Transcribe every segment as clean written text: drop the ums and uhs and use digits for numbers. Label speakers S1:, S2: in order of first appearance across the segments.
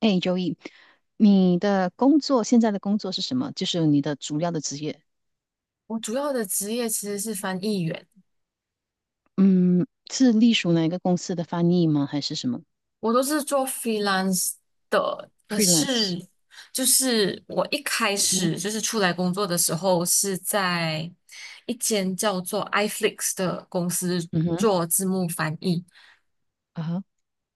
S1: 哎，Joey，你的工作现在的工作是什么？就是你的主要的职业。
S2: 我主要的职业其实是翻译员，
S1: 嗯，是隶属哪一个公司的翻译吗？还是什么
S2: 我都是做 freelance 的。可
S1: freelance？
S2: 是，就是我一开
S1: 嗯哼，
S2: 始就是出来工作的时候，是在一间叫做 iFlix 的公司
S1: 嗯哼，
S2: 做字幕翻译。
S1: 啊哈，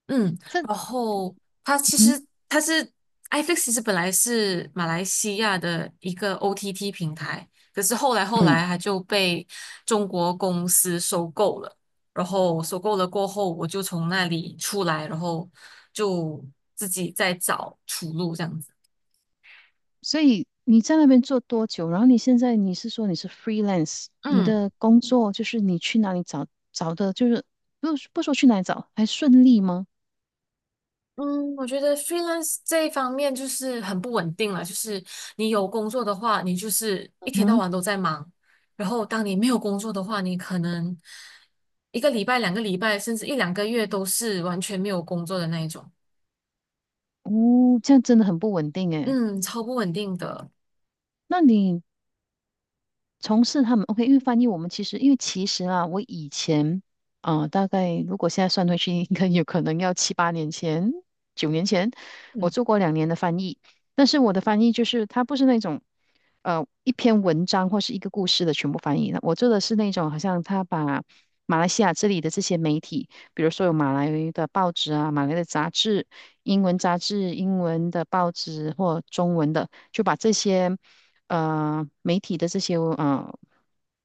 S2: 嗯，
S1: 这，嗯
S2: 然后它其
S1: 哼
S2: 实它是 i f i x 其实本来是马来西亚的一个 OTT 平台，可是后
S1: 嗯哼啊哈
S2: 来后
S1: 这嗯嗯。
S2: 来它就被中国公司收购了，然后收购了过后，我就从那里出来，然后就自己在找出路这样子。
S1: 所以你在那边做多久？然后你现在你是 freelance，你
S2: 嗯。
S1: 的工作就是你去哪里找找的，就是不不说去哪里找，还顺利吗？
S2: 嗯，我觉得 freelance 这一方面就是很不稳定了。就是你有工作的话，你就是
S1: 嗯
S2: 一天到
S1: 哼。
S2: 晚都在忙；然后当你没有工作的话，你可能一个礼拜、2个礼拜，甚至一两个月都是完全没有工作的那一种。
S1: 哦，这样真的很不稳定诶。
S2: 嗯，超不稳定的。
S1: 那你从事他们 OK，因为翻译我们其实，因为其实啊，我以前大概如果现在算回去，应该有可能要7-8年前、9年前，我
S2: 嗯，
S1: 做过2年的翻译。但是我的翻译就是它不是那种一篇文章或是一个故事的全部翻译的，我做的是那种好像他把马来西亚这里的这些媒体，比如说有马来的报纸啊、马来的杂志、英文杂志、英文的报纸或中文的，就把这些。媒体的这些呃，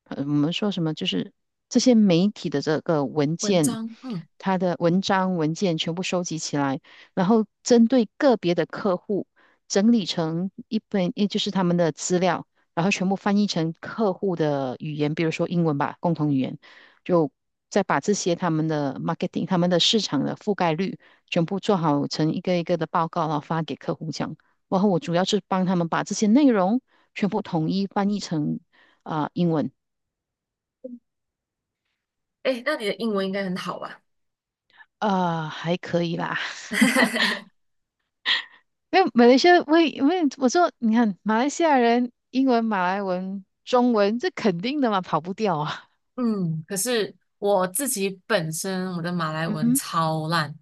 S1: 呃我们说什么就是这些媒体的这个文
S2: 文
S1: 件，
S2: 章，嗯，
S1: 它的文章文件全部收集起来，然后针对个别的客户整理成一本，也就是他们的资料，然后全部翻译成客户的语言，比如说英文吧，共同语言，就再把这些他们的 marketing、他们的市场的覆盖率全部做好成一个一个的报告，然后发给客户这样。然后我主要是帮他们把这些内容全部统一翻译成英文。
S2: 诶，那你的英文应该很好吧？
S1: 还可以啦。因为马来西亚，因为我说，你看马来西亚人英文、马来文、中文，这肯定的嘛，跑不掉啊。
S2: 嗯，可是我自己本身我的马来
S1: 嗯
S2: 文
S1: 哼。
S2: 超烂。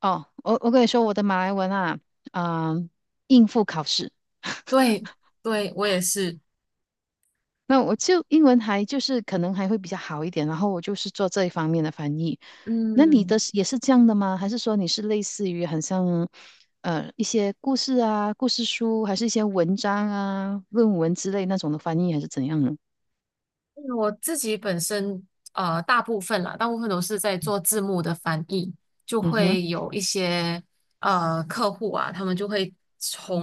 S1: 哦，我跟你说，我的马来文啊，啊、应付考试。
S2: 对，对，我也是。
S1: 那我就英文还就是可能还会比较好一点，然后我就是做这一方面的翻译。那你的
S2: 嗯。
S1: 是也是这样的吗？还是说你是类似于很像一些故事啊、故事书，还是一些文章啊、论文之类那种的翻译，还是怎样呢？
S2: 嗯我自己本身大部分啦，大部分都是在做字幕的翻译，就
S1: 嗯哼，
S2: 会有一些客户啊，他们就会从，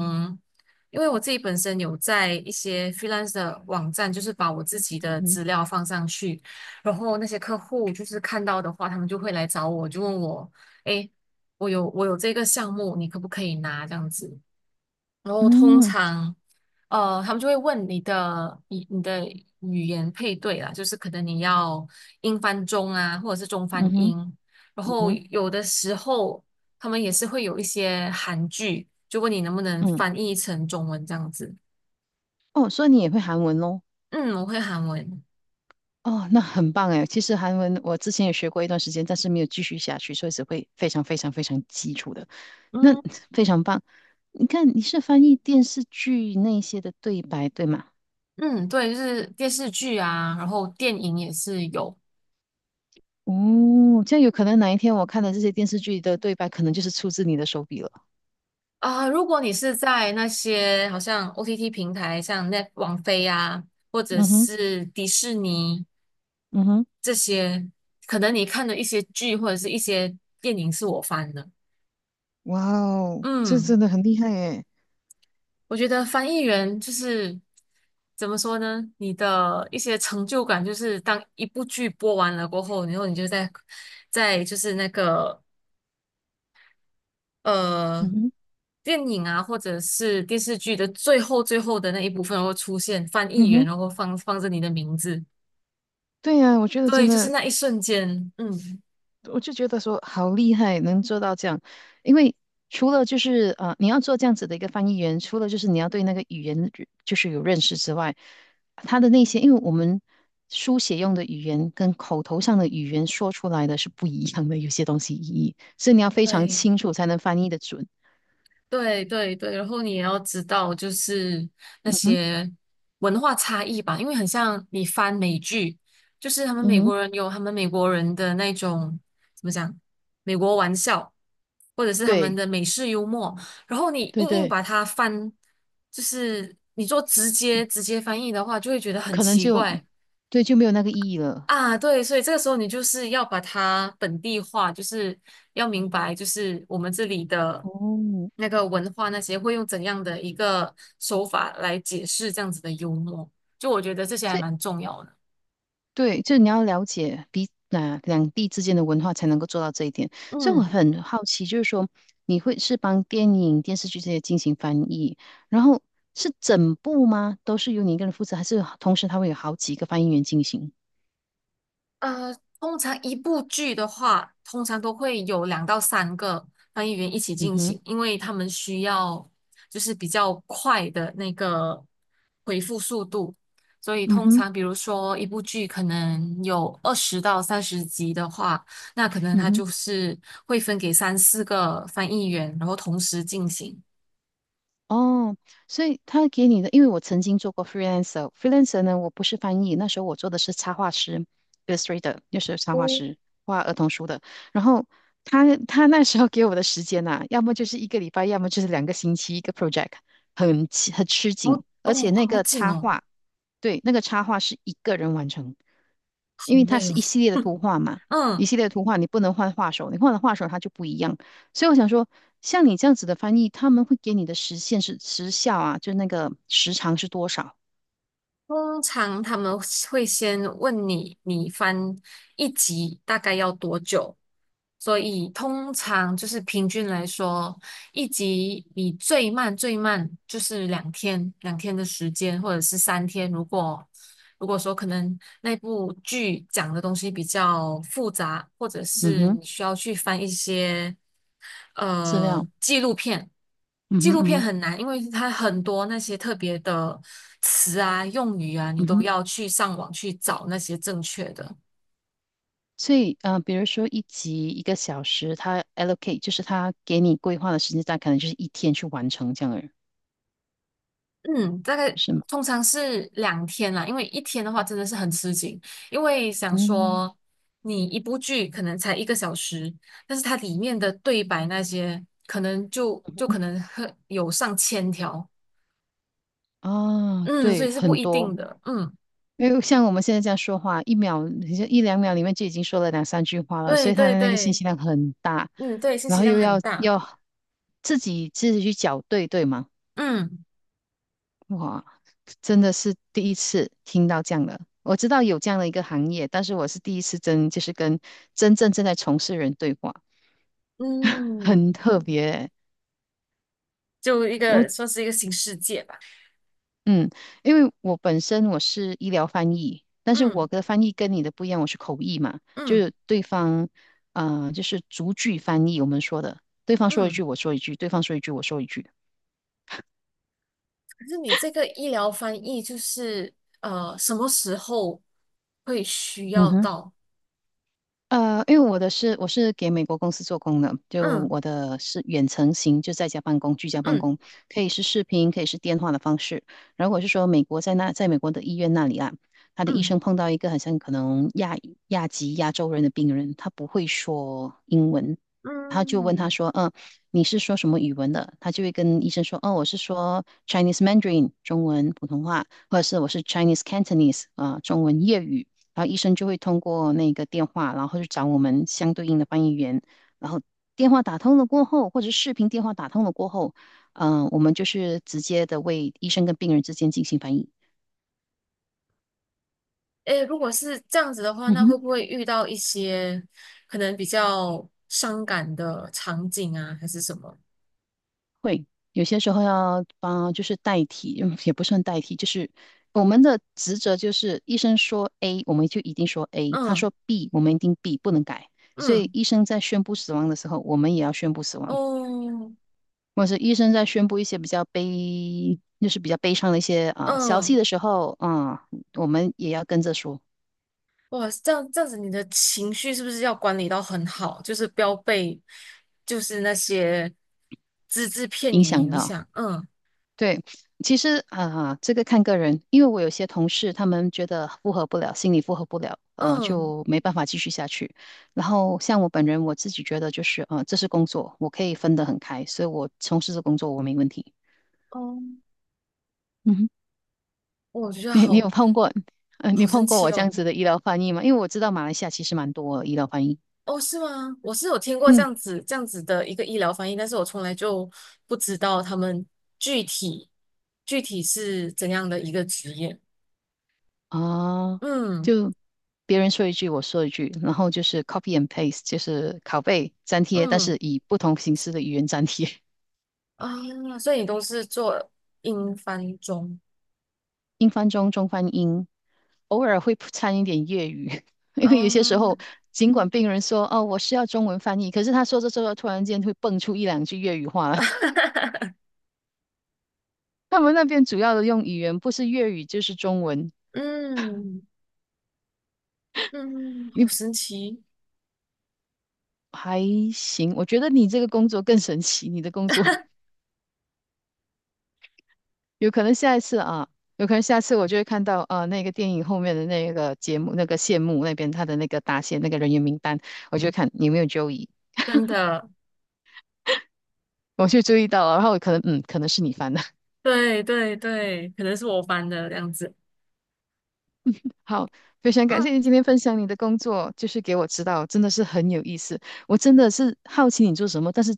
S2: 因为我自己本身有在一些 freelance 的网站，就是把我自己
S1: 嗯
S2: 的
S1: 哼，
S2: 资料放上去，然后那些客户就是看到的话，他们就会来找我，就问我，诶，我有这个项目，你可不可以拿这样子？然后通
S1: 嗯
S2: 常，他们就会问你的你的语言配对啦，就是可能你要英翻中啊，或者是中翻
S1: 嗯哼，
S2: 英。然
S1: 嗯
S2: 后
S1: 哼，
S2: 有的时候他们也是会有一些韩剧，就问你能不能
S1: 嗯。
S2: 翻译成中文这样子。
S1: 哦，所以你也会韩文喽？
S2: 嗯，我会韩文。
S1: 哦，那很棒哎。其实韩文我之前也学过一段时间，但是没有继续下去，所以只会非常非常非常基础的。那
S2: 嗯
S1: 非常棒。你看，你是翻译电视剧那些的对白，对吗？
S2: 嗯，对，就是电视剧啊，然后电影也是有。
S1: 哦，这样有可能哪一天我看的这些电视剧的对白，可能就是出自你的手笔了。
S2: 啊，如果你是在那些好像 OTT 平台，像 Net 网飞啊，或者
S1: 嗯哼。
S2: 是迪士尼
S1: 嗯哼。
S2: 这些，可能你看的一些剧或者是一些电影是我翻的。
S1: 哇哦，这
S2: 嗯，
S1: 真的很厉害耶。
S2: 我觉得翻译员就是怎么说呢？你的一些成就感就是当一部剧播完了过后，然后你就在就是那个呃
S1: 嗯哼，
S2: 电影啊，或者是电视剧的最后的那一部分然后出现翻
S1: 嗯
S2: 译员，
S1: 哼。
S2: 然后放着你的名字。
S1: 对呀，我觉得真
S2: 对，就是
S1: 的
S2: 那一瞬间，
S1: 我就觉得说好厉害，能做到这样。因为除了就是啊，你要做这样子的一个翻译员，除了就是你要对那个语言就是有认识之外，他的那些，因为我们书写用的语言跟口头上的语言说出来的是不一样的，有些东西意义，所以你要非常
S2: 对。
S1: 清楚才能翻译的准。
S2: 对对对，然后你也要知道，就是那
S1: 嗯哼，
S2: 些文化差异吧，因为很像你翻美剧，就是他们
S1: 嗯
S2: 美
S1: 哼，
S2: 国人有他们美国人的那种怎么讲，美国玩笑，或者是他们
S1: 对
S2: 的美式幽默，然后你
S1: 对
S2: 硬硬
S1: 对，
S2: 把它翻，就是你做直接翻译的话，就会觉得很
S1: 可能
S2: 奇
S1: 就
S2: 怪，
S1: 对就没有那个意义了。
S2: 啊，对，所以这个时候你就是要把它本地化，就是要明白，就是我们这里的
S1: 哦，
S2: 那个文化那些会用怎样的一个手法来解释这样子的幽默，就我觉得这些还
S1: 这
S2: 蛮重要的。
S1: 对，就是你要了解两地之间的文化，才能够做到这一点。所以我
S2: 嗯。
S1: 很好奇，就是说你会是帮电影、电视剧这些进行翻译，然后是整部吗？都是由你一个人负责，还是同时他会有好几个翻译员进行？
S2: 呃，通常一部剧的话，通常都会有2到3个翻译员一起
S1: 嗯
S2: 进
S1: 哼，
S2: 行，因为他们需要就是比较快的那个回复速度，所以
S1: 嗯
S2: 通
S1: 哼，
S2: 常比如说一部剧可能有20到30集的话，那可能
S1: 嗯
S2: 它
S1: 哼。
S2: 就是会分给三四个翻译员，然后同时进行。
S1: 哦，所以他给你的，因为我曾经做过 freelancer，freelancer 呢，我不是翻译，那时候我做的是插画师，illustrator，就是插画
S2: 哦，
S1: 师，画儿童书的。然后他那时候给我的时间呐、要么就是一个礼拜，要么就是2个星期一个 project，很吃很吃
S2: 好
S1: 紧，而且
S2: 哦，
S1: 那
S2: 好
S1: 个
S2: 紧
S1: 插
S2: 哦，
S1: 画对，那个插画是一个人完成，
S2: 好
S1: 因为它
S2: 累
S1: 是
S2: 哦。
S1: 一系列的图画嘛，一
S2: 嗯，
S1: 系列的图画你不能换画手，你换了画手它就不一样。所以我想说，像你这样子的翻译，他们会给你的时限是时效啊，就那个时长是多少？
S2: 通常他们会先问你，你翻一集大概要多久？所以通常就是平均来说，一集你最慢最慢就是两天，两天的时间，或者是3天。如果说可能那部剧讲的东西比较复杂，或者
S1: 嗯
S2: 是
S1: 哼。
S2: 你需要去翻一些
S1: 资料。
S2: 纪录片，
S1: 嗯
S2: 纪
S1: 哼
S2: 录
S1: 嗯
S2: 片
S1: 哼
S2: 很难，因为它很多那些特别的词啊、用语啊，你
S1: 嗯
S2: 都
S1: 哼。
S2: 要去上网去找那些正确的。
S1: 所以，比如说一集一个小时，他 allocate 就是他给你规划的时间，大概可能就是一天去完成这样的，人，
S2: 嗯，大概
S1: 是吗？
S2: 通常是两天啦，因为一天的话真的是很吃紧，因为想
S1: 嗯，
S2: 说你一部剧可能才一个小时，但是它里面的对白那些可能就可能有上千条，
S1: 啊，
S2: 嗯，所
S1: 对，
S2: 以是不
S1: 很
S2: 一
S1: 多。
S2: 定的，嗯，
S1: 因为像我们现在这样说话，1秒，你就1-2秒里面就已经说了2-3句话了，所
S2: 对
S1: 以他
S2: 对
S1: 的那个信
S2: 对，
S1: 息量很大，
S2: 嗯对，信
S1: 然
S2: 息
S1: 后
S2: 量
S1: 又
S2: 很
S1: 要
S2: 大，
S1: 要自己去校对，对吗？
S2: 嗯
S1: 哇，真的是第一次听到这样的。我知道有这样的一个行业，但是我是第一次真就是跟真正正在从事人对话。很
S2: 嗯，
S1: 特别欸。
S2: 就一
S1: 我
S2: 个算是一个新世界吧，
S1: 嗯，因为我本身我是医疗翻译，但是
S2: 嗯
S1: 我的翻译跟你的不一样，我是口译嘛，就
S2: 嗯
S1: 是对方，就是逐句翻译，我们说的，对方说一
S2: 嗯。
S1: 句我说一句，对方说一句我说一句。
S2: 可是你这个医疗翻译就是什么时候会需
S1: 嗯
S2: 要
S1: 哼。
S2: 到？
S1: 因为我是给美国公司做工的，就
S2: 嗯
S1: 我的是远程型，就在家办公、居家办
S2: 嗯
S1: 公，可以是视频，可以是电话的方式。然后我是说，美国在那，在美国的医院那里啊，他的医
S2: 嗯
S1: 生碰到一个好像可能亚裔亚籍亚洲人的病人，他不会说英文，他就问
S2: 嗯，
S1: 他说，你是说什么语文的？他就会跟医生说，哦，我是说 Chinese Mandarin 中文普通话，或者是我是 Chinese Cantonese 中文粤语。然后医生就会通过那个电话，然后去找我们相对应的翻译员，然后电话打通了过后，或者是视频电话打通了过后，我们就是直接的为医生跟病人之间进行翻译。
S2: 诶，如果是这样子的话，
S1: 嗯
S2: 那
S1: 哼。
S2: 会不会遇到一些可能比较伤感的场景啊，还是什么？
S1: 会有些时候要帮，就是代替，嗯也不算代替，就是我们的职责就是医生说 A，我们就一定说 A；他
S2: 嗯
S1: 说 B，我们一定 B，不能改。所以
S2: 嗯
S1: 医生在宣布死亡的时候，我们也要宣布死亡。
S2: 哦
S1: 或者是医生在宣布一些比较悲，就是比较悲伤的一些消息
S2: 嗯，
S1: 的时候，我们也要跟着说，
S2: 哇，这样子，你的情绪是不是要管理到很好？就是不要被就是那些只字片
S1: 影
S2: 语
S1: 响
S2: 影
S1: 到。
S2: 响。嗯
S1: 对，其实这个看个人，因为我有些同事他们觉得负荷不了，心理负荷不了，
S2: 嗯。
S1: 就没办法继续下去。然后像我本人，我自己觉得就是，这是工作，我可以分得很开，所以我从事这工作我没问题。
S2: 哦
S1: 嗯哼。
S2: 哦我觉得
S1: 你有碰过，你
S2: 好神
S1: 碰过
S2: 奇
S1: 我这样
S2: 哦！
S1: 子的医疗翻译吗？因为我知道马来西亚其实蛮多医疗翻译。
S2: 哦，是吗？我是有听过
S1: 嗯
S2: 这样子的一个医疗翻译，但是我从来就不知道他们具体具体是怎样的一个职业。
S1: 啊，
S2: 嗯
S1: 就别人说一句，我说一句，然后就是 copy and paste，就是拷贝粘贴，但
S2: 嗯
S1: 是以不同形式的语言粘贴。
S2: 啊，所以你都是做英翻中
S1: 英翻中，中翻英，偶尔会掺一点粤语。因为有些时
S2: 啊？
S1: 候，尽管病人说哦我是要中文翻译，可是他说着说着，突然间会蹦出1-2句粤语话来。他们那边主要的用语言不是粤语就是中文。
S2: 嗯嗯，好神奇，
S1: 还行。我觉得你这个工作更神奇，你的工作有可能下一次啊，有可能下次我就会看到那个电影后面的那个节目那个谢幕那边他的那个答谢那个人员名单，我就会看有没有 Joey，
S2: 真的，
S1: 我就注意到了，然后我可能可能是你翻的。
S2: 对对对，可能是我翻的这样子。
S1: 好，非常感谢你
S2: 嗯
S1: 今天分享你的工作，就是给我知道，真的是很有意思。我真的是好奇你做什么，但是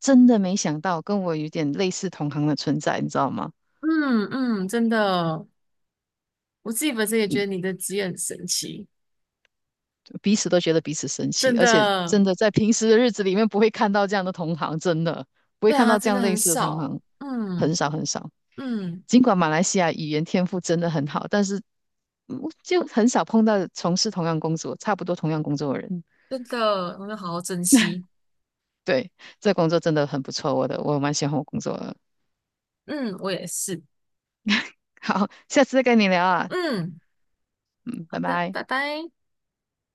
S1: 真的没想到跟我有点类似同行的存在，你知道吗？
S2: 嗯嗯，真的哦，我自己本身也觉得你的职业很神奇。
S1: 彼此都觉得彼此神奇，
S2: 真
S1: 而且
S2: 的，
S1: 真的在平时的日子里面不会看到这样的同行，真的不会
S2: 对
S1: 看
S2: 啊，
S1: 到这
S2: 真的
S1: 样
S2: 很
S1: 类似的同
S2: 少。
S1: 行，很
S2: 嗯
S1: 少很少。
S2: 嗯，
S1: 尽管马来西亚语言天赋真的很好，但是就很少碰到从事同样工作、差不多同样工作的人。
S2: 真的，我们要好好珍惜。
S1: 对，这工作真的很不错，我蛮喜欢我工作的。
S2: 嗯，我也是。
S1: 好，下次再跟你聊啊。
S2: 嗯，
S1: 嗯，
S2: 好
S1: 拜
S2: 的，
S1: 拜。
S2: 拜拜。